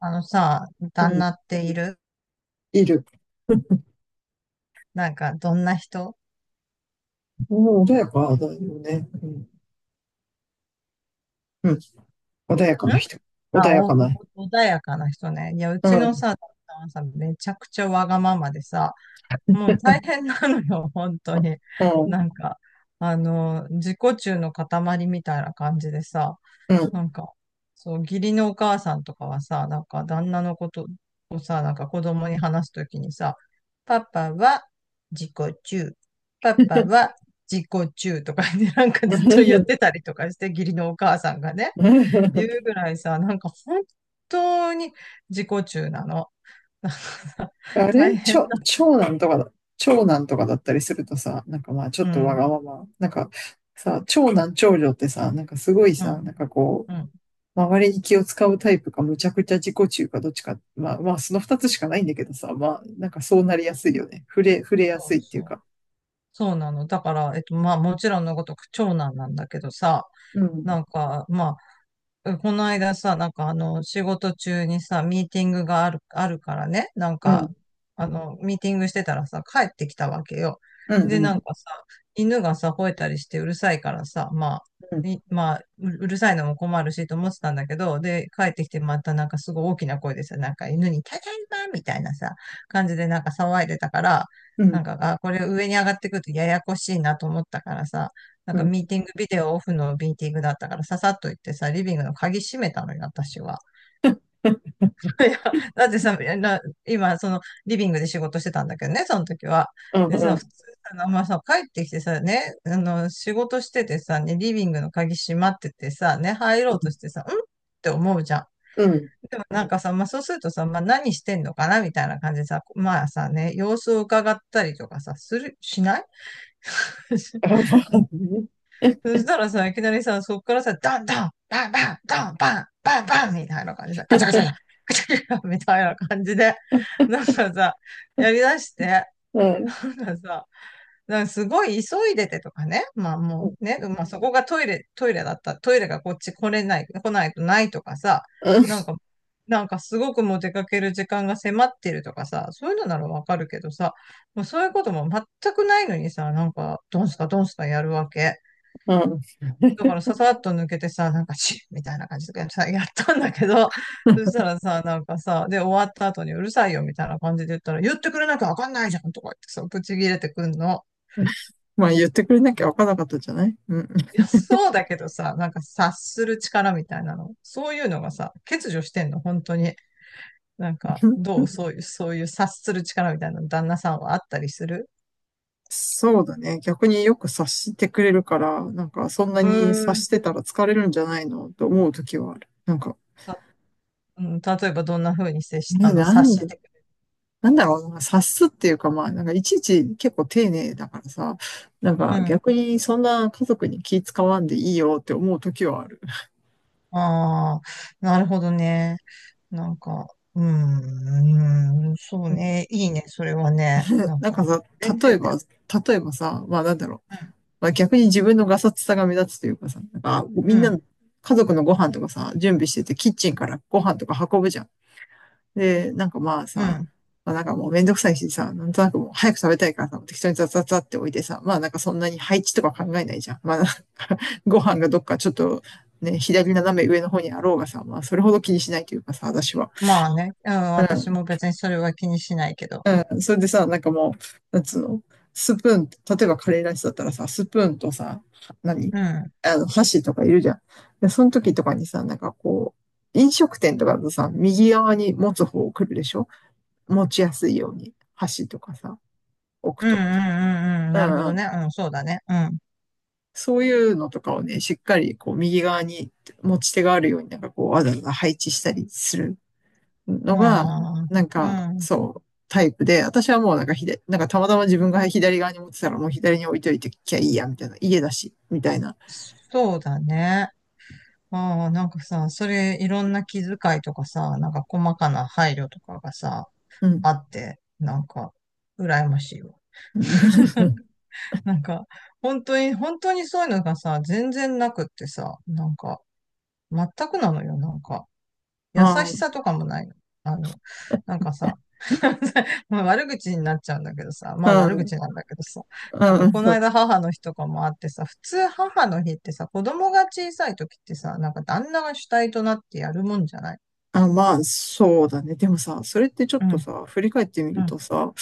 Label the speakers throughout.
Speaker 1: あのさ、
Speaker 2: う
Speaker 1: 旦
Speaker 2: ん、
Speaker 1: 那っている？
Speaker 2: いる。
Speaker 1: なんか、どんな人？
Speaker 2: うん、穏やかだよね。うん、うん、穏やか
Speaker 1: ん、
Speaker 2: な人。穏
Speaker 1: あ、
Speaker 2: やか
Speaker 1: お、
Speaker 2: な。
Speaker 1: お穏やかな人ね。いや、う
Speaker 2: う
Speaker 1: ちの
Speaker 2: ん、
Speaker 1: さ、旦那はさ、めちゃくちゃわがままでさ、もう大変なのよ、本当に。
Speaker 2: うん、
Speaker 1: なんか、自己中の塊みたいな感じでさ、
Speaker 2: うん。
Speaker 1: なんか、そう、義理のお母さんとかはさ、なんか旦那のことをさ、なんか子供に話すときにさ、パパは自己中、パパは自己中とかね、なんかずっと言っ てたりとかして、義理のお母さんがね、言うぐらいさ、なんか本当に自己中なの。なんかさ
Speaker 2: あれ
Speaker 1: 大
Speaker 2: ち
Speaker 1: 変だ。
Speaker 2: ょ、長男とか長男とかだったりするとさ、なんかまあちょ
Speaker 1: う
Speaker 2: っとわ
Speaker 1: ん、
Speaker 2: がまま、なんかさ、長男長女ってさ、なんかすごい
Speaker 1: う
Speaker 2: さ、
Speaker 1: ん、
Speaker 2: なんかこ
Speaker 1: うん。
Speaker 2: う、周りに気を使うタイプか、むちゃくちゃ自己中か、どっちか、まあまあその二つしかないんだけどさ、まあなんかそうなりやすいよね。触れや
Speaker 1: そ
Speaker 2: すい
Speaker 1: う
Speaker 2: っていう
Speaker 1: そ
Speaker 2: か。
Speaker 1: う。そうなの。だから、まあもちろんのごとく長男なんだけどさ、
Speaker 2: う
Speaker 1: な
Speaker 2: ん、
Speaker 1: んか、まあうん、この間さ、なんか仕事中にさ、ミーティングがあるからね、なん
Speaker 2: う
Speaker 1: か、
Speaker 2: ん、
Speaker 1: ミーティングしてたらさ、帰ってきたわけよ。
Speaker 2: う
Speaker 1: で、なん
Speaker 2: ん、
Speaker 1: かさ、犬がさ、吠えたりしてうるさいからさ、ま
Speaker 2: うん、
Speaker 1: あ、いまあ、ううるさいのも困るしと思ってたんだけど、で、帰ってきてまたなんかすごい大きな声でさ、なんか犬にただいまみたいなさ、感じでなんか騒いでたから、
Speaker 2: う
Speaker 1: な
Speaker 2: ん、
Speaker 1: んか、あ、これ上に上がってくるとややこしいなと思ったからさ、なん
Speaker 2: う
Speaker 1: か
Speaker 2: ん、
Speaker 1: ミーティング、ビデオオフのミーティングだったから、ささっと行ってさ、リビングの鍵閉めたのよ、私は。いや、だってさ、な今、その、リビングで仕事してたんだけどね、その時は。
Speaker 2: うん、う
Speaker 1: で
Speaker 2: ん、
Speaker 1: さ、普通
Speaker 2: う
Speaker 1: さ、あまあさ、帰ってきてさ、ね、仕事しててさ、ね、リビングの鍵閉まっててさ、ね、入ろうとして
Speaker 2: ん。
Speaker 1: さ、んって思うじゃん。
Speaker 2: うん
Speaker 1: でもなんかさ、まあそうするとさ、まあ何してんのかなみたいな感じでさ、まあさね、様子を伺ったりとかさ、する、しない？
Speaker 2: あ、まあね。
Speaker 1: そしたらさ、いきなりさ、そっからさ、ダンダン、バンバン、ダンバン、バンバンみたいな感じでさ、ガチャガチャガチャ、ガチャガチャみたいな感じで、なんかさ、やりだして、
Speaker 2: うん、うん、
Speaker 1: なんかさ、なんかすごい急いでてとかね、まあもうね、まあそこがトイレがこっち来れない、来ないとないとかさ、なんか、なんかすごくもう出かける時間が迫ってるとかさ、そういうのならわかるけどさ、もうそういうことも全くないのにさ、なんか、ドンスカドンスカやるわけ。
Speaker 2: うん。
Speaker 1: だからささっと抜けてさ、なんかチッみたいな感じでさ、やったんだけど、そした らさ、なんかさ、で、終わった後にうるさいよみたいな感じで言ったら、言ってくれなきゃわかんないじゃんとか言ってさ、ぶち切れてくんの。
Speaker 2: まあ言ってくれなきゃわからなかったじゃない。うん。
Speaker 1: いや、そうだけどさ、なんか察する力みたいなの。そういうのがさ、欠如してんの、本当に。なんか、どうそういう察する力みたいなの旦那さんはあったりする？
Speaker 2: そうだね。逆によく察してくれるから、なんかそんな
Speaker 1: う
Speaker 2: に察
Speaker 1: ーん。
Speaker 2: してたら疲れるんじゃないのと思う時はある。なんか、
Speaker 1: た、うん、例えばどんな風に接
Speaker 2: え、
Speaker 1: し、
Speaker 2: な
Speaker 1: 察
Speaker 2: んだ、
Speaker 1: してく
Speaker 2: なんだろうな、察すっていうかまあ、なんかいちいち結構丁寧だからさ、なん
Speaker 1: れ
Speaker 2: か
Speaker 1: る？うん。
Speaker 2: 逆にそんな家族に気使わんでいいよって思う時はある。
Speaker 1: ああ、なるほどね。なんか、そう
Speaker 2: うん、
Speaker 1: ね。いいね、それはね。なん
Speaker 2: なん
Speaker 1: か、
Speaker 2: かさ、
Speaker 1: 全
Speaker 2: 例え
Speaker 1: 然だ
Speaker 2: ば、
Speaker 1: よ。
Speaker 2: 例えばさ、まあなんだろう。まあ逆に自分のガサツさが目立つというかさ、なんか
Speaker 1: うん、
Speaker 2: みん
Speaker 1: う
Speaker 2: な、
Speaker 1: ん、
Speaker 2: 家族のご飯とかさ、準備してて、キッチンからご飯とか運ぶじゃん。で、なんかまあ
Speaker 1: う
Speaker 2: さ、
Speaker 1: ん。
Speaker 2: まあなんかもうめんどくさいしさ、なんとなくもう早く食べたいからさ、適当にザザザって置いてさ、まあなんかそんなに配置とか考えないじゃん。まあなんか ご飯がどっかちょっとね、左斜め上の方にあろうがさ、まあそれほど気にしないというかさ、私は。
Speaker 1: まあね、うん、
Speaker 2: う
Speaker 1: 私
Speaker 2: ん。
Speaker 1: も別にそれは気にしないけど。
Speaker 2: うん、それでさ、なんかもう、なんつうの、スプーン、例えばカレーライスだったらさ、スプーンとさ、何
Speaker 1: うん、うん、
Speaker 2: あの、箸とかいるじゃん。で、その時とかにさ、なんかこう、飲食店とかだとさ、右側に持つ方を来るでしょ、持ちやすいように、箸とかさ、置く
Speaker 1: うん、う
Speaker 2: と。
Speaker 1: ん、うん、
Speaker 2: う
Speaker 1: なるほ
Speaker 2: ん
Speaker 1: ど
Speaker 2: うん。
Speaker 1: ね。うん、そうだね。うん。
Speaker 2: そういうのとかをね、しっかりこう、右側に持ち手があるように、なんかこう、わざわざ配置したりするのが、
Speaker 1: まあ、
Speaker 2: なん
Speaker 1: う
Speaker 2: か、
Speaker 1: ん、
Speaker 2: そう、タイプで、私はもうなんかなんかたまたま自分が左側に持ってたら、もう左に置いといてきゃいいや、みたいな。家だし、みたいな。
Speaker 1: そうだね。ああ、なんかさ、それいろんな気遣いとかさ、なんか細かな配慮とかがさ、
Speaker 2: うん。
Speaker 1: あって、なんか、羨ましいわ。
Speaker 2: うん。
Speaker 1: なんか、本当に、本当にそういうのがさ、全然なくってさ、なんか、全くなのよ、なんか。優し
Speaker 2: あ
Speaker 1: さ
Speaker 2: あ、
Speaker 1: とかもないの。あの、なんかさ、まあ悪口になっちゃうんだけどさ、ま
Speaker 2: う
Speaker 1: あ悪口
Speaker 2: ん。
Speaker 1: なんだけどさ、
Speaker 2: う
Speaker 1: なん
Speaker 2: ん。
Speaker 1: かこの
Speaker 2: うん
Speaker 1: 間母の日とかもあってさ、普通母の日ってさ、子供が小さい時ってさ、なんか旦那が主体となってやるもんじゃない？
Speaker 2: あ、まあ、そうだね。でもさ、それってちょ
Speaker 1: う
Speaker 2: っと
Speaker 1: ん、
Speaker 2: さ、振り返ってみ
Speaker 1: う
Speaker 2: る
Speaker 1: ん、
Speaker 2: とさ、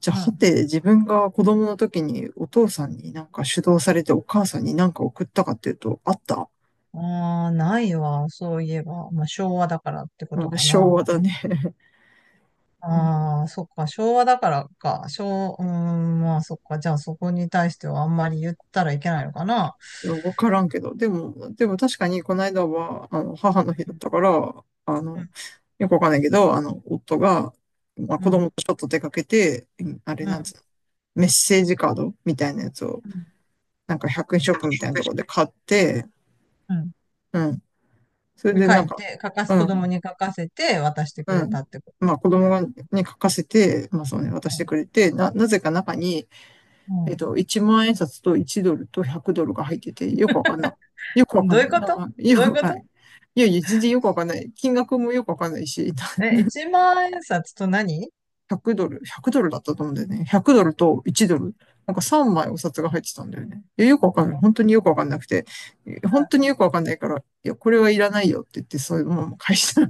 Speaker 2: じゃあ、
Speaker 1: う
Speaker 2: は
Speaker 1: ん。
Speaker 2: て、自分が子供の時にお父さんになんか主導されてお母さんになんか送ったかっていうと、あった。
Speaker 1: ああ、ないわ、そういえば。まあ昭和だからって こと
Speaker 2: うん、
Speaker 1: か
Speaker 2: 昭
Speaker 1: な。
Speaker 2: 和だね。
Speaker 1: ああ、そっか、昭和だからか。昭、うーん、まあそっか。じゃあそこに対してはあんまり言ったらいけないのかな。
Speaker 2: いや、わからんけど。でも、でも確かにこの間は、あの、母の
Speaker 1: う
Speaker 2: 日だっ
Speaker 1: ん、
Speaker 2: たから、あの、よくわかんないけど、あの、夫が、まあ、
Speaker 1: う
Speaker 2: 子供
Speaker 1: ん、
Speaker 2: とちょっと出かけて、うんあ
Speaker 1: う
Speaker 2: れ
Speaker 1: ん、う
Speaker 2: なんつう
Speaker 1: ん。
Speaker 2: の、メッセージカードみたいなやつを、
Speaker 1: うん、
Speaker 2: なんか100円ショップみたいなところで買って、うん。それ
Speaker 1: うん、
Speaker 2: で
Speaker 1: 書
Speaker 2: なん
Speaker 1: い
Speaker 2: か、
Speaker 1: て、書かす、
Speaker 2: う
Speaker 1: 子供に
Speaker 2: ん、
Speaker 1: 書かせて渡して
Speaker 2: う
Speaker 1: くれ
Speaker 2: ん。
Speaker 1: たってこと。
Speaker 2: まあ、子供に書かせて、まあ、そうね、渡してくれて、なぜか中に、
Speaker 1: うん。
Speaker 2: え
Speaker 1: う
Speaker 2: っと、1万円札と1ドルと100ドルが入ってて、よくわかんない。よくわ
Speaker 1: ん、
Speaker 2: か
Speaker 1: どう
Speaker 2: ん
Speaker 1: い
Speaker 2: な
Speaker 1: う
Speaker 2: い。
Speaker 1: こ
Speaker 2: なん
Speaker 1: と？
Speaker 2: か
Speaker 1: ど
Speaker 2: よ
Speaker 1: うい
Speaker 2: く
Speaker 1: う
Speaker 2: わ
Speaker 1: こ
Speaker 2: かんない。
Speaker 1: と？
Speaker 2: いやいや、全然よくわかんない。金額もよくわかんないし、
Speaker 1: え、一万円札と何？
Speaker 2: 100ドルだったと思うんだよね。100ドルと1ドル。なんか3枚お札が入ってたんだよね。いや、よくわかんない。本当によくわかんなくて。本当によくわかんないから、いや、これはいらないよって言って、そういうものも返した。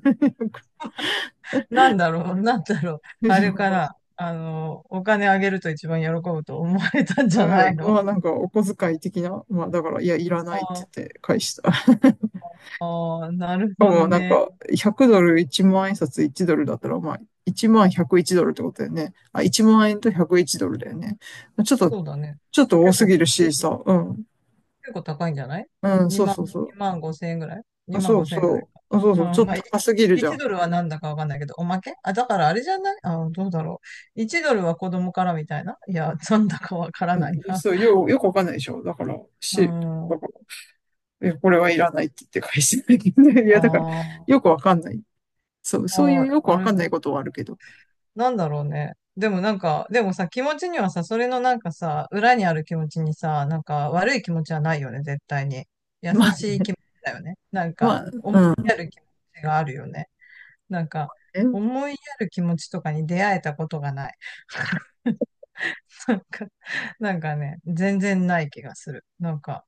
Speaker 1: なんだろう、なんだろう。あれかな。お金あげると一番喜ぶと思われたんじ
Speaker 2: う
Speaker 1: ゃな
Speaker 2: ん、
Speaker 1: いの？
Speaker 2: まあなんかお小遣い的な、まあだから、いや、いらないって言っ
Speaker 1: あ
Speaker 2: て返した。
Speaker 1: あー、なる
Speaker 2: か
Speaker 1: ほど
Speaker 2: もなん
Speaker 1: ね。
Speaker 2: か、100ドル、1万円札1ドルだったら、まあ、1万101ドルってことだよね。あ、1万円と101ドルだよね。ちょっと、
Speaker 1: そうだね。
Speaker 2: ちょっと多
Speaker 1: 結
Speaker 2: す
Speaker 1: 構、
Speaker 2: ぎるしさ、うん。
Speaker 1: 結構高いんじゃない？
Speaker 2: うん、
Speaker 1: 2
Speaker 2: そう
Speaker 1: 万、
Speaker 2: そうそう。
Speaker 1: 2万5千円ぐらい？ 2
Speaker 2: あ、
Speaker 1: 万
Speaker 2: そう
Speaker 1: 5千円ぐらい
Speaker 2: そ
Speaker 1: か。
Speaker 2: う。あ、そうそう。ち
Speaker 1: う
Speaker 2: ょ
Speaker 1: ん、
Speaker 2: っ
Speaker 1: まあ、い
Speaker 2: と高すぎる
Speaker 1: い
Speaker 2: じゃ
Speaker 1: 1、
Speaker 2: ん。
Speaker 1: ドルはなんだかわかんないけど、おまけあ、だからあれじゃない？あ、どうだろう。1ドルは子供からみたいな？いや、なんだかわからない
Speaker 2: うん、
Speaker 1: な。
Speaker 2: よくわかんないでしょ。
Speaker 1: うん。あ
Speaker 2: だから、いや、これはいらないって言って返してないけどね。 いや、だから、
Speaker 1: あ、
Speaker 2: よくわかんない。そう、そうい
Speaker 1: あ
Speaker 2: う
Speaker 1: あ、
Speaker 2: よく
Speaker 1: あ
Speaker 2: わか
Speaker 1: れ、
Speaker 2: んないことはあるけど。
Speaker 1: なんだろうね。でもなんか、でもさ、気持ちにはさ、それのなんかさ、裏にある気持ちにさ、なんか悪い気持ちはないよね、絶対に。優
Speaker 2: まあ
Speaker 1: しい
Speaker 2: ね、
Speaker 1: 気持ちだよね。なん
Speaker 2: ま
Speaker 1: か、
Speaker 2: あ
Speaker 1: 思いやる気持ちがあるよね。なんか、
Speaker 2: ね、
Speaker 1: 思いやる気持ちとかに出会えたことがない。なんか、なんかね、全然ない気がする。なんか、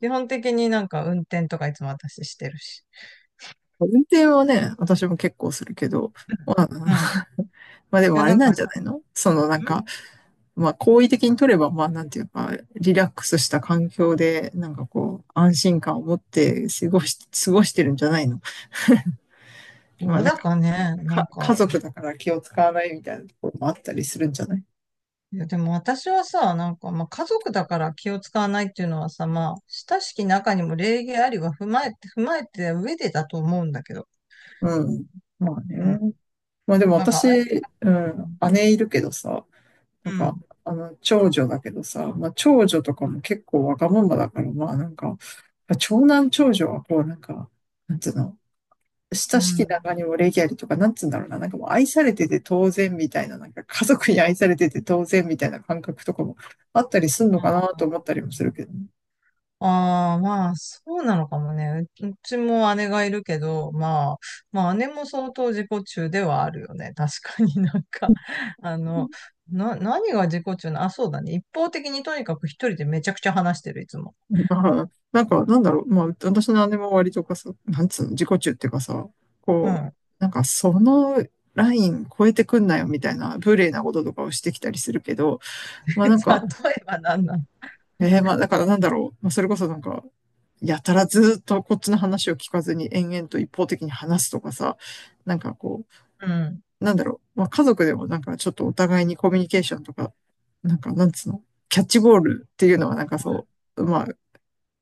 Speaker 1: 基本的になんか運転とかいつも私してるし。
Speaker 2: 運転はね、私も結構するけど、まあ、
Speaker 1: うん。うん、
Speaker 2: まあで
Speaker 1: い
Speaker 2: も
Speaker 1: や、
Speaker 2: あれ
Speaker 1: なん
Speaker 2: なん
Speaker 1: か
Speaker 2: じゃ
Speaker 1: さ、ん、
Speaker 2: ないの？そのなんか、まあ好意的に取れば、まあなんていうか、リラックスした環境で、なんかこう、安心感を持って過ごしてるんじゃないの？
Speaker 1: ど
Speaker 2: まあ
Speaker 1: う
Speaker 2: なん
Speaker 1: だ
Speaker 2: か、
Speaker 1: かね、なん
Speaker 2: 家
Speaker 1: か、
Speaker 2: 族だから気を使わないみたいなところもあったりするんじゃない？
Speaker 1: いや、でも私はさ、なんか、まあ、家族だから気を使わないっていうのはさ、まあ、親しき中にも礼儀ありは踏まえて上でだと思うんだけど。
Speaker 2: うん。まあ
Speaker 1: うん。
Speaker 2: ね。まあでも
Speaker 1: なんか、
Speaker 2: 私、
Speaker 1: あい、
Speaker 2: うん、姉いるけどさ、な
Speaker 1: う
Speaker 2: んか、
Speaker 1: ん。
Speaker 2: あの、長女だけどさ、まあ、長女とかも結構わがままだから、まあ、なんか、長男長女はこう、なんか、なんつうの、
Speaker 1: う
Speaker 2: 親しき
Speaker 1: ん。
Speaker 2: 中にも礼儀ありとか、なんつうんだろうな、なんかもう愛されてて当然みたいな、なんか家族に愛されてて当然みたいな感覚とかもあったりすんの
Speaker 1: あ
Speaker 2: かなと思
Speaker 1: ー、
Speaker 2: ったりもするけどね。
Speaker 1: ああ、まあ、そうなのかもね。う、うちも姉がいるけど、まあ、まあ、姉も相当自己中ではあるよね。確かになんか、あの、な、何が自己中な、あ、そうだね。一方的にとにかく一人でめちゃくちゃ話してる、いつも。
Speaker 2: まあ、なんか、なんだろう、まあ、私の姉も割とかさ、なんつうの、自己中っていうかさ、
Speaker 1: う
Speaker 2: こう、
Speaker 1: ん。
Speaker 2: なんかそのライン超えてくんなよみたいな、無礼なこととかをしてきたりするけど、ま
Speaker 1: 例
Speaker 2: あなんか、
Speaker 1: えば何なの？
Speaker 2: えー、まあだからなんだろう。まあそれこそなんか、やたらずっとこっちの話を聞かずに延々と一方的に話すとかさ、なんかこ
Speaker 1: うん。
Speaker 2: う、なんだろう。まあ家族でもなんかちょっとお互いにコミュニケーションとか、なんかなんつうの、キャッチボールっていうのはなんかそう、まあ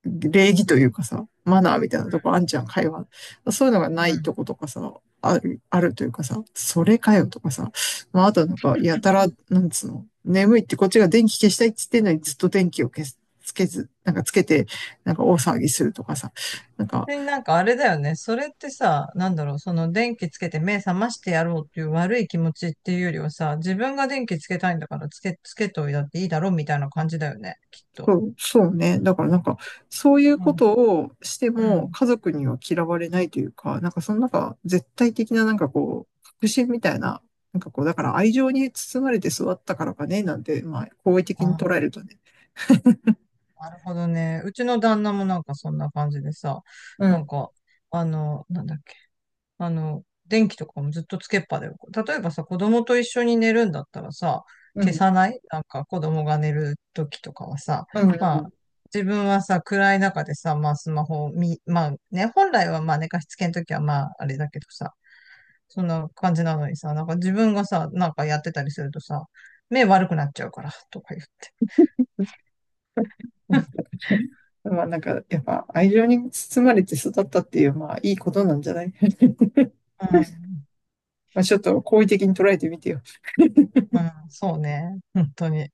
Speaker 2: 礼儀というかさ、マナーみたいなとこあんちゃん、会話。そういうのが
Speaker 1: う
Speaker 2: な
Speaker 1: ん。う
Speaker 2: いと
Speaker 1: ん。
Speaker 2: ことかさ、あるというかさ、それかよとかさ、まあ、あとなんか、やたら、なんつうの、眠いってこっちが電気消したいって言ってんのにずっと電気を消す、つけず、なんかつけて、なんか大騒ぎするとかさ、なんか、
Speaker 1: 別になんかあれだよね。それってさ、なんだろう、その電気つけて目覚ましてやろうっていう悪い気持ちっていうよりはさ、自分が電気つけたいんだからつけといたっていいだろうみたいな感じだよね、きっと。
Speaker 2: そうね。だからなんか、そういう
Speaker 1: う
Speaker 2: こ
Speaker 1: ん。
Speaker 2: とをして
Speaker 1: う
Speaker 2: も
Speaker 1: ん。
Speaker 2: 家族には嫌われないというか、なんかそのなんか絶対的ななんかこう、確信みたいな、なんかこう、だから愛情に包まれて育ったからかね、なんて、まあ、好意的に
Speaker 1: あ、
Speaker 2: 捉えるとね。
Speaker 1: なるほどね。うちの旦那もなんかそんな感じでさ、
Speaker 2: う
Speaker 1: なん
Speaker 2: ん、
Speaker 1: か、なんだっけ？電気とかもずっとつけっぱだよ。例えばさ、子供と一緒に寝るんだったらさ、
Speaker 2: う
Speaker 1: 消
Speaker 2: ん、
Speaker 1: さない？なんか子供が寝る時とかはさ、
Speaker 2: うん、う
Speaker 1: まあ、
Speaker 2: ん。
Speaker 1: 自分はさ、暗い中でさ、まあスマホを見、まあね、本来はまあ寝かしつけの時はまああれだけどさ、そんな感じなのにさ、なんか自分がさ、なんかやってたりするとさ、目悪くなっちゃうから、とか言って。
Speaker 2: うん、まあなんか、やっぱ愛情に包まれて育ったっていう、まあいいことなんじゃない？
Speaker 1: う
Speaker 2: まあちょっと好意的に捉えてみてよ。
Speaker 1: ん、うん、そうね、本当に。